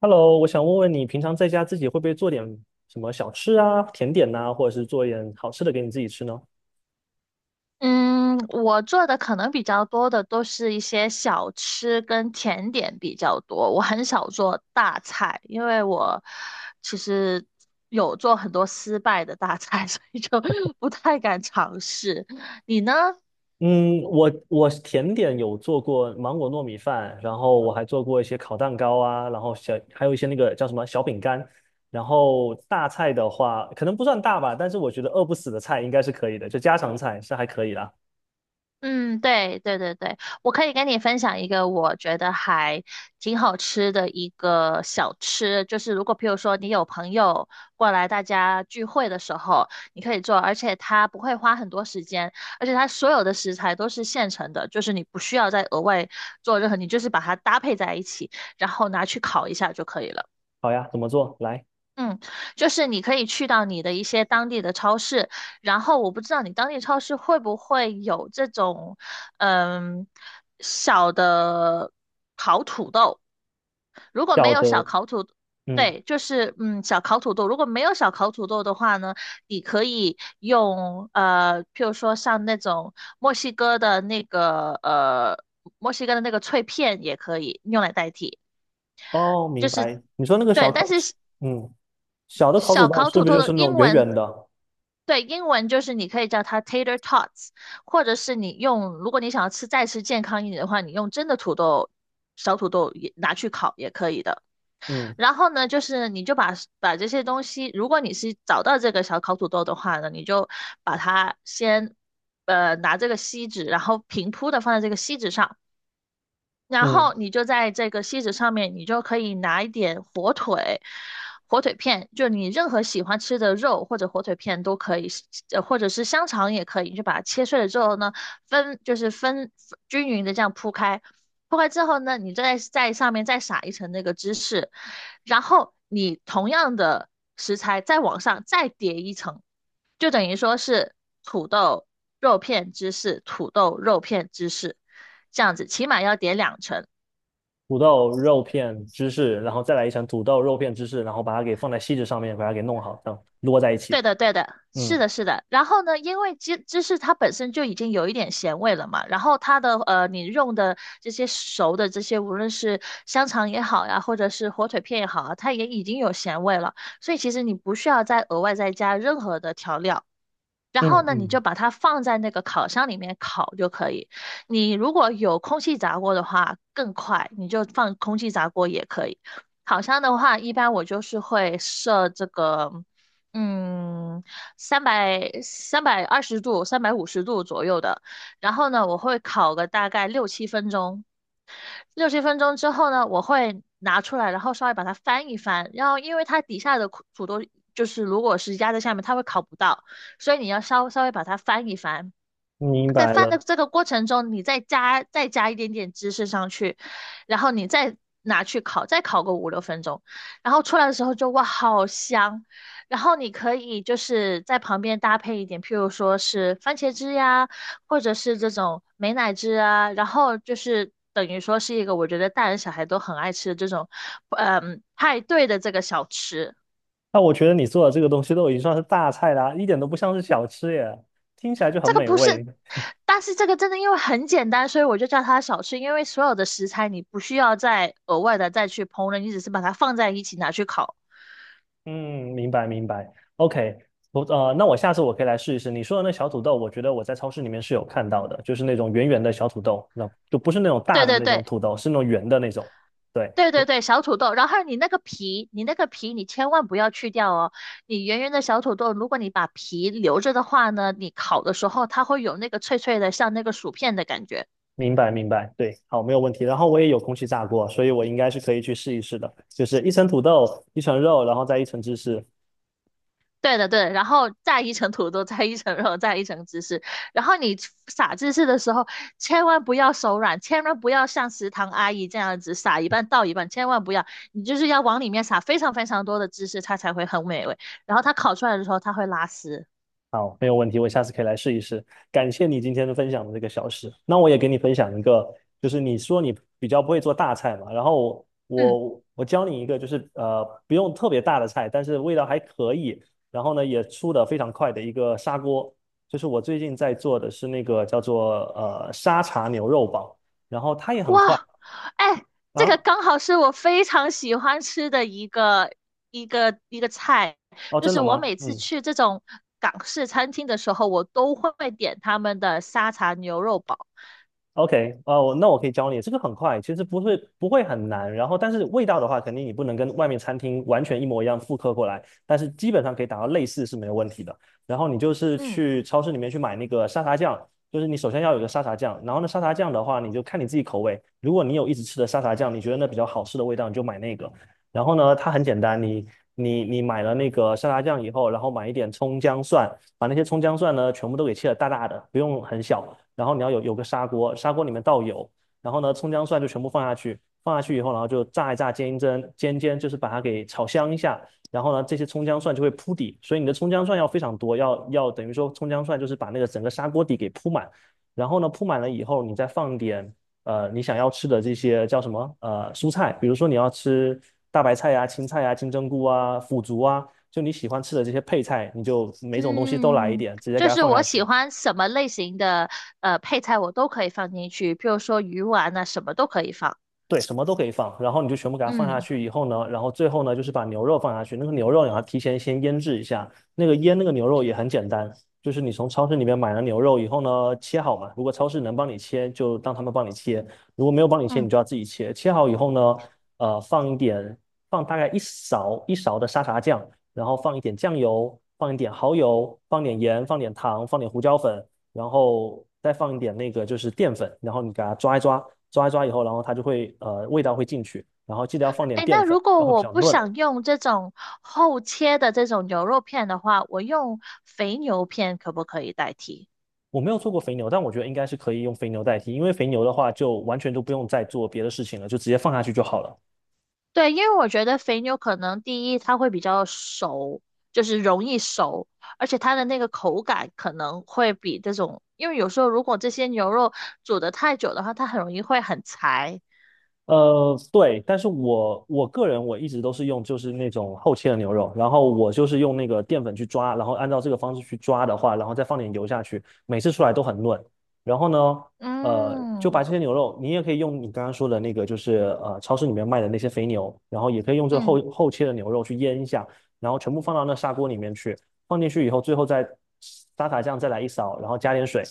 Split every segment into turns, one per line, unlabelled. Hello，我想问问你，平常在家自己会不会做点什么小吃啊、甜点呐、或者是做一点好吃的给你自己吃呢？
嗯，我做的可能比较多的都是一些小吃跟甜点比较多，我很少做大菜，因为我其实有做很多失败的大菜，所以就 不太敢尝试。你呢？
嗯，我甜点有做过芒果糯米饭，然后我还做过一些烤蛋糕啊，然后小还有一些那个叫什么小饼干。然后大菜的话，可能不算大吧，但是我觉得饿不死的菜应该是可以的，就家常菜是还可以的。
嗯，对对对对，我可以跟你分享一个我觉得还挺好吃的一个小吃，就是如果譬如说你有朋友过来，大家聚会的时候，你可以做，而且它不会花很多时间，而且它所有的食材都是现成的，就是你不需要再额外做任何，你就是把它搭配在一起，然后拿去烤一下就可以了。
好呀，怎么做？来，
嗯，就是你可以去到你的一些当地的超市，然后我不知道你当地超市会不会有这种，嗯，小的烤土豆。如果没
小
有小
的，
烤土，
嗯，
对，就是小烤土豆。如果没有小烤土豆的话呢，你可以用譬如说像那种墨西哥的那个墨西哥的那个脆片也可以用来代替，
哦，
就
明
是
白。你说那个
对，
小
但
烤，
是
嗯，小的烤土
小
豆
烤
是
土
不是
豆
就
的
是那种
英
圆圆
文，
的？
对，英文就是你可以叫它 tater tots，或者是你用，如果你想要吃再吃健康一点的话，你用真的土豆，小土豆也拿去烤也可以的。
嗯。
然后呢，就是你就把这些东西，如果你是找到这个小烤土豆的话呢，你就把它先，拿这个锡纸，然后平铺的放在这个锡纸上，然
嗯，
后你就在这个锡纸上面，你就可以拿一点火腿、火腿片，就你任何喜欢吃的肉或者火腿片都可以，或者是香肠也可以，你就把它切碎了之后呢，分就是分均匀的这样铺开，铺开之后呢，你再在上面再撒一层那个芝士，然后你同样的食材再往上再叠一层。就等于说是土豆肉片芝士，土豆肉片芝士，这样子起码要点两成。
土豆、肉片、芝士，然后再来一层土豆、肉片、芝士，然后把它给放在锡纸上面，把它给弄好，这样摞在一起。
对的，对的，是
嗯
的，是的。然后呢，因为芝士它本身就已经有一点咸味了嘛，然后它的你用的这些熟的这些，无论是香肠也好呀，或者是火腿片也好啊，它也已经有咸味了，所以其实你不需要再额外再加任何的调料。然后
嗯
呢，你
嗯，
就把它放在那个烤箱里面烤就可以。你如果有空气炸锅的话，更快，你就放空气炸锅也可以。烤箱的话，一般我就是会设这个，嗯，三百二十度、350度左右的。然后呢，我会烤个大概六七分钟。六七分钟之后呢，我会拿出来，然后稍微把它翻一翻，然后因为它底下的苦土豆就是如果是压在下面，它会烤不到，所以你要稍微把它翻一翻，
明
在
白
饭
了。
的这个过程中，你再加一点点芝士上去，然后你再拿去烤，再烤个五六分钟，然后出来的时候就哇，好香！然后你可以就是在旁边搭配一点，譬如说是番茄汁呀，或者是这种美乃滋啊，然后就是等于说是一个我觉得大人小孩都很爱吃的这种，派对的这个小吃。
那我觉得你做的这个东西都已经算是大菜啦，一点都不像是小吃耶，听起来就很
这个
美
不是，
味。
但是这个真的因为很简单，所以我就叫它小吃。因为所有的食材你不需要再额外的再去烹饪，你只是把它放在一起拿去烤。
嗯，明白明白。OK，那我下次我可以来试一试你说的那小土豆，我觉得我在超市里面是有看到的，就是那种圆圆的小土豆，那就不是那种大
对
的
对
那种
对
土豆，是那种圆的那种。对。
对对对，小土豆。然后你那个皮，你那个皮你千万不要去掉哦。你圆圆的小土豆，如果你把皮留着的话呢，你烤的时候它会有那个脆脆的，像那个薯片的感觉。
明白明白，对，好，没有问题。然后我也有空气炸锅，所以我应该是可以去试一试的，就是一层土豆，一层肉，然后再一层芝士。
对的，对的，然后再一层土豆，再一层肉，再一层芝士。然后你撒芝士的时候，千万不要手软，千万不要像食堂阿姨这样子撒一半倒一半，千万不要，你就是要往里面撒非常非常多的芝士，它才会很美味。然后它烤出来的时候，它会拉丝。
好，没有问题，我下次可以来试一试。感谢你今天的分享的这个小事。那我也给你分享一个，就是你说你比较不会做大菜嘛，然后我
嗯，
我我教你一个，就是不用特别大的菜，但是味道还可以，然后呢也出的非常快的一个砂锅，就是我最近在做的是那个叫做沙茶牛肉煲，然后它也很快
哇，哎，这个
啊。
刚好是我非常喜欢吃的一个菜，
哦，
就
真
是
的
我
吗？
每次
嗯
去这种港式餐厅的时候，我都会点他们的沙茶牛肉煲。
，OK，哦，那我可以教你，这个很快，其实不会很难。然后，但是味道的话，肯定你不能跟外面餐厅完全一模一样复刻过来，但是基本上可以达到类似是没有问题的。然后你就是
嗯
去超市里面去买那个沙茶酱，就是你首先要有个沙茶酱，然后呢，沙茶酱的话，你就看你自己口味。如果你有一直吃的沙茶酱，你觉得那比较好吃的味道，你就买那个。然后呢，它很简单，你买了那个沙茶酱以后，然后买一点葱姜蒜。把那些葱姜蒜呢全部都给切得大大的，不用很小。然后你要有个砂锅，砂锅里面倒油，然后呢葱姜蒜就全部放下去，放下去以后，然后就炸一炸，煎一煎，煎煎就是把它给炒香一下。然后呢，这些葱姜蒜就会铺底，所以你的葱姜蒜要非常多，要等于说葱姜蒜就是把那个整个砂锅底给铺满。然后呢，铺满了以后，你再放点你想要吃的这些叫什么蔬菜，比如说你要吃大白菜呀、青菜呀、金针菇啊、腐竹啊，就你喜欢吃的这些配菜，你就每种东西都来一
嗯，
点，直接给
就
它
是
放下
我喜
去。
欢什么类型的配菜，我都可以放进去，譬如说鱼丸啊，什么都可以放。
对，什么都可以放，然后你就全部给它放下
嗯
去以后呢，然后最后呢就是把牛肉放下去，那个牛肉你要提前先腌制一下，那个腌那个牛肉也很简单，就是你从超市里面买了牛肉以后呢，切好嘛，如果超市能帮你切，就让他们帮你切，如果没有帮你切，你
嗯，
就要自己切。切好以后呢，放一点，放大概一勺一勺的沙茶酱，然后放一点酱油，放一点蚝油，放点盐，放点糖，放点胡椒粉，然后再放一点那个就是淀粉，然后你给它抓一抓，抓一抓以后，然后它就会味道会进去，然后记得要放点
哎，
淀
那
粉，
如果
它会比
我
较
不
嫩。
想用这种厚切的这种牛肉片的话，我用肥牛片可不可以代替？
我没有做过肥牛，但我觉得应该是可以用肥牛代替，因为肥牛的话就完全都不用再做别的事情了，就直接放下去就好了。
对，因为我觉得肥牛可能第一它会比较熟，就是容易熟，而且它的那个口感可能会比这种，因为有时候如果这些牛肉煮得太久的话，它很容易会很柴。
对，但是我个人我一直都是用就是那种厚切的牛肉，然后我就是用那个淀粉去抓，然后按照这个方式去抓的话，然后再放点油下去，每次出来都很嫩。然后呢，就把
嗯
这些牛肉，你也可以用你刚刚说的那个，就是超市里面卖的那些肥牛，然后也可以用这
嗯，
厚厚切的牛肉去腌一下，然后全部放到那砂锅里面去，放进去以后，最后再沙茶酱再来一勺，然后加点水，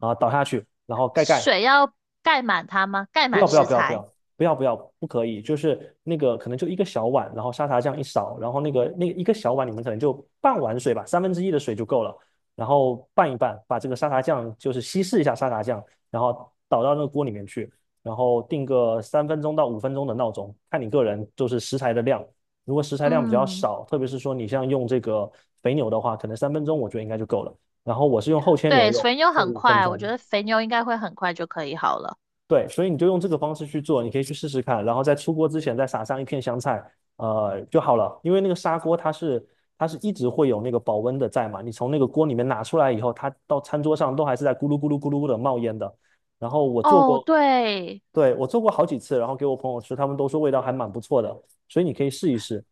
然后倒下去，然后盖盖，
水要盖满它吗？盖
不
满
要不要
食
不要不
材。
要不要不要，不可以，就是那个可能就一个小碗，然后沙茶酱一勺，然后那个那一个小碗里面可能就半碗水吧，三分之一的水就够了，然后拌一拌，把这个沙茶酱就是稀释一下沙茶酱，然后倒到那个锅里面去，然后定个三分钟到五分钟的闹钟，看你个人就是食材的量，如果食材量比较
嗯，
少，特别是说你像用这个肥牛的话，可能三分钟我觉得应该就够了，然后我是用厚切牛
对，
肉，
肥牛
就
很
五分
快，我觉
钟，
得肥牛应该会很快就可以好了。
对，所以你就用这个方式去做，你可以去试试看，然后在出锅之前再撒上一片香菜，就好了。因为那个砂锅它是一直会有那个保温的在嘛，你从那个锅里面拿出来以后，它到餐桌上都还是在咕噜咕噜咕噜的冒烟的。然后我做
哦，
过，
对，
对，我做过好几次，然后给我朋友吃，他们都说味道还蛮不错的，所以你可以试一试。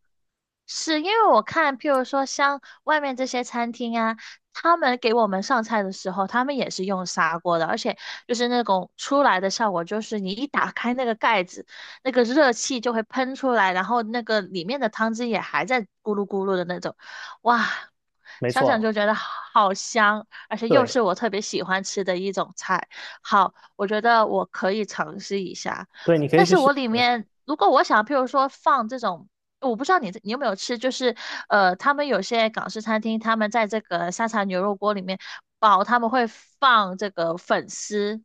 是因为我看，譬如说像外面这些餐厅啊，他们给我们上菜的时候，他们也是用砂锅的，而且就是那种出来的效果，就是你一打开那个盖子，那个热气就会喷出来，然后那个里面的汤汁也还在咕噜咕噜的那种，哇，
没
想想
错，
就觉得好香，而且又
对
是我特别喜欢吃的一种菜，好，我觉得我可以尝试一下。
对，你可以
但
去
是
试。
我里面如果我想，譬如说放这种我不知道你有没有吃，就是他们有些港式餐厅，他们在这个沙茶牛肉锅里面煲，他们会放这个粉丝、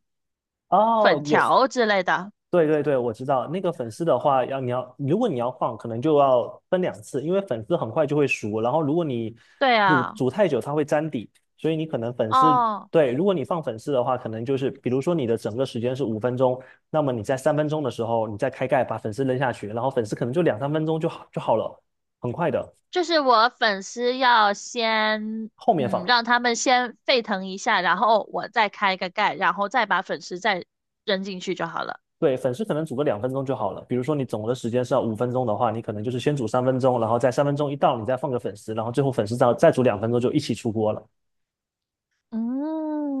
粉
哦，有
条之类的。
对对对，我知道那个粉丝的话，要你要如果你要放，可能就要分2次，因为粉丝很快就会熟，然后如果你
对
煮
啊，
煮太久，它会粘底，所以你可能粉丝
哦，
对，如果你放粉丝的话，可能就是比如说你的整个时间是五分钟，那么你在三分钟的时候，你再开盖把粉丝扔下去，然后粉丝可能就两三分钟就好了，很快的，
就是我粉丝要先，
后面
嗯，
放。
让他们先沸腾一下，然后我再开个盖，然后再把粉丝再扔进去就好了。
对，粉丝可能煮个两分钟就好了。比如说你总的时间是要五分钟的话，你可能就是先煮三分钟，然后在三分钟一到，你再放个粉丝，然后最后粉丝再煮两分钟就一起出锅了。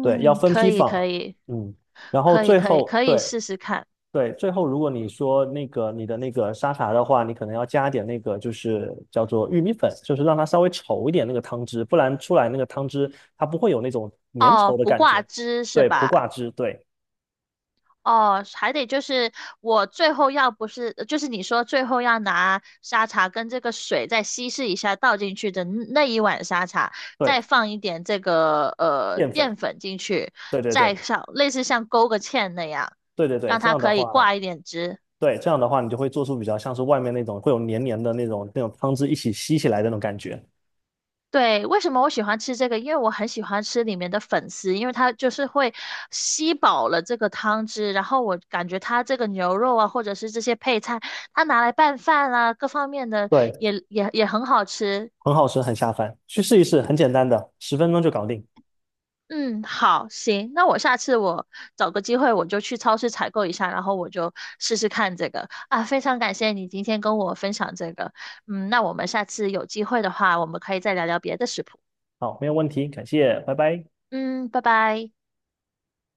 对，要分
可
批
以，可
放，
以，
嗯，然后
可以，
最
可以，
后
可以
对
试试看。
对，最后如果你说那个你的那个沙茶的话，你可能要加点那个就是叫做玉米粉，就是让它稍微稠一点那个汤汁，不然出来那个汤汁它不会有那种粘稠
哦，
的
不
感
挂
觉。
汁是
对，不
吧？
挂汁，对
哦，还得就是我最后要不是，就是你说最后要拿沙茶跟这个水再稀释一下倒进去的那一碗沙茶，
对，
再放一点这个
淀粉，
淀粉进去，
对对对
再像类似像勾个芡那样，
对对对，
让
这
它
样的
可以
话。
挂一点汁。
对，这样的话你就会做出比较像是外面那种会有黏黏的那种汤汁一起吸起来的那种感觉。
对，为什么我喜欢吃这个？因为我很喜欢吃里面的粉丝，因为它就是会吸饱了这个汤汁，然后我感觉它这个牛肉啊，或者是这些配菜，它拿来拌饭啊，各方面的
对，
也很好吃。
很好吃，很下饭，去试一试，很简单的，10分钟就搞定。
嗯，好，行，那我下次我找个机会我就去超市采购一下，然后我就试试看这个啊。非常感谢你今天跟我分享这个，嗯，那我们下次有机会的话，我们可以再聊聊别的食谱。
好，没有问题，感谢，拜拜。
嗯，拜拜。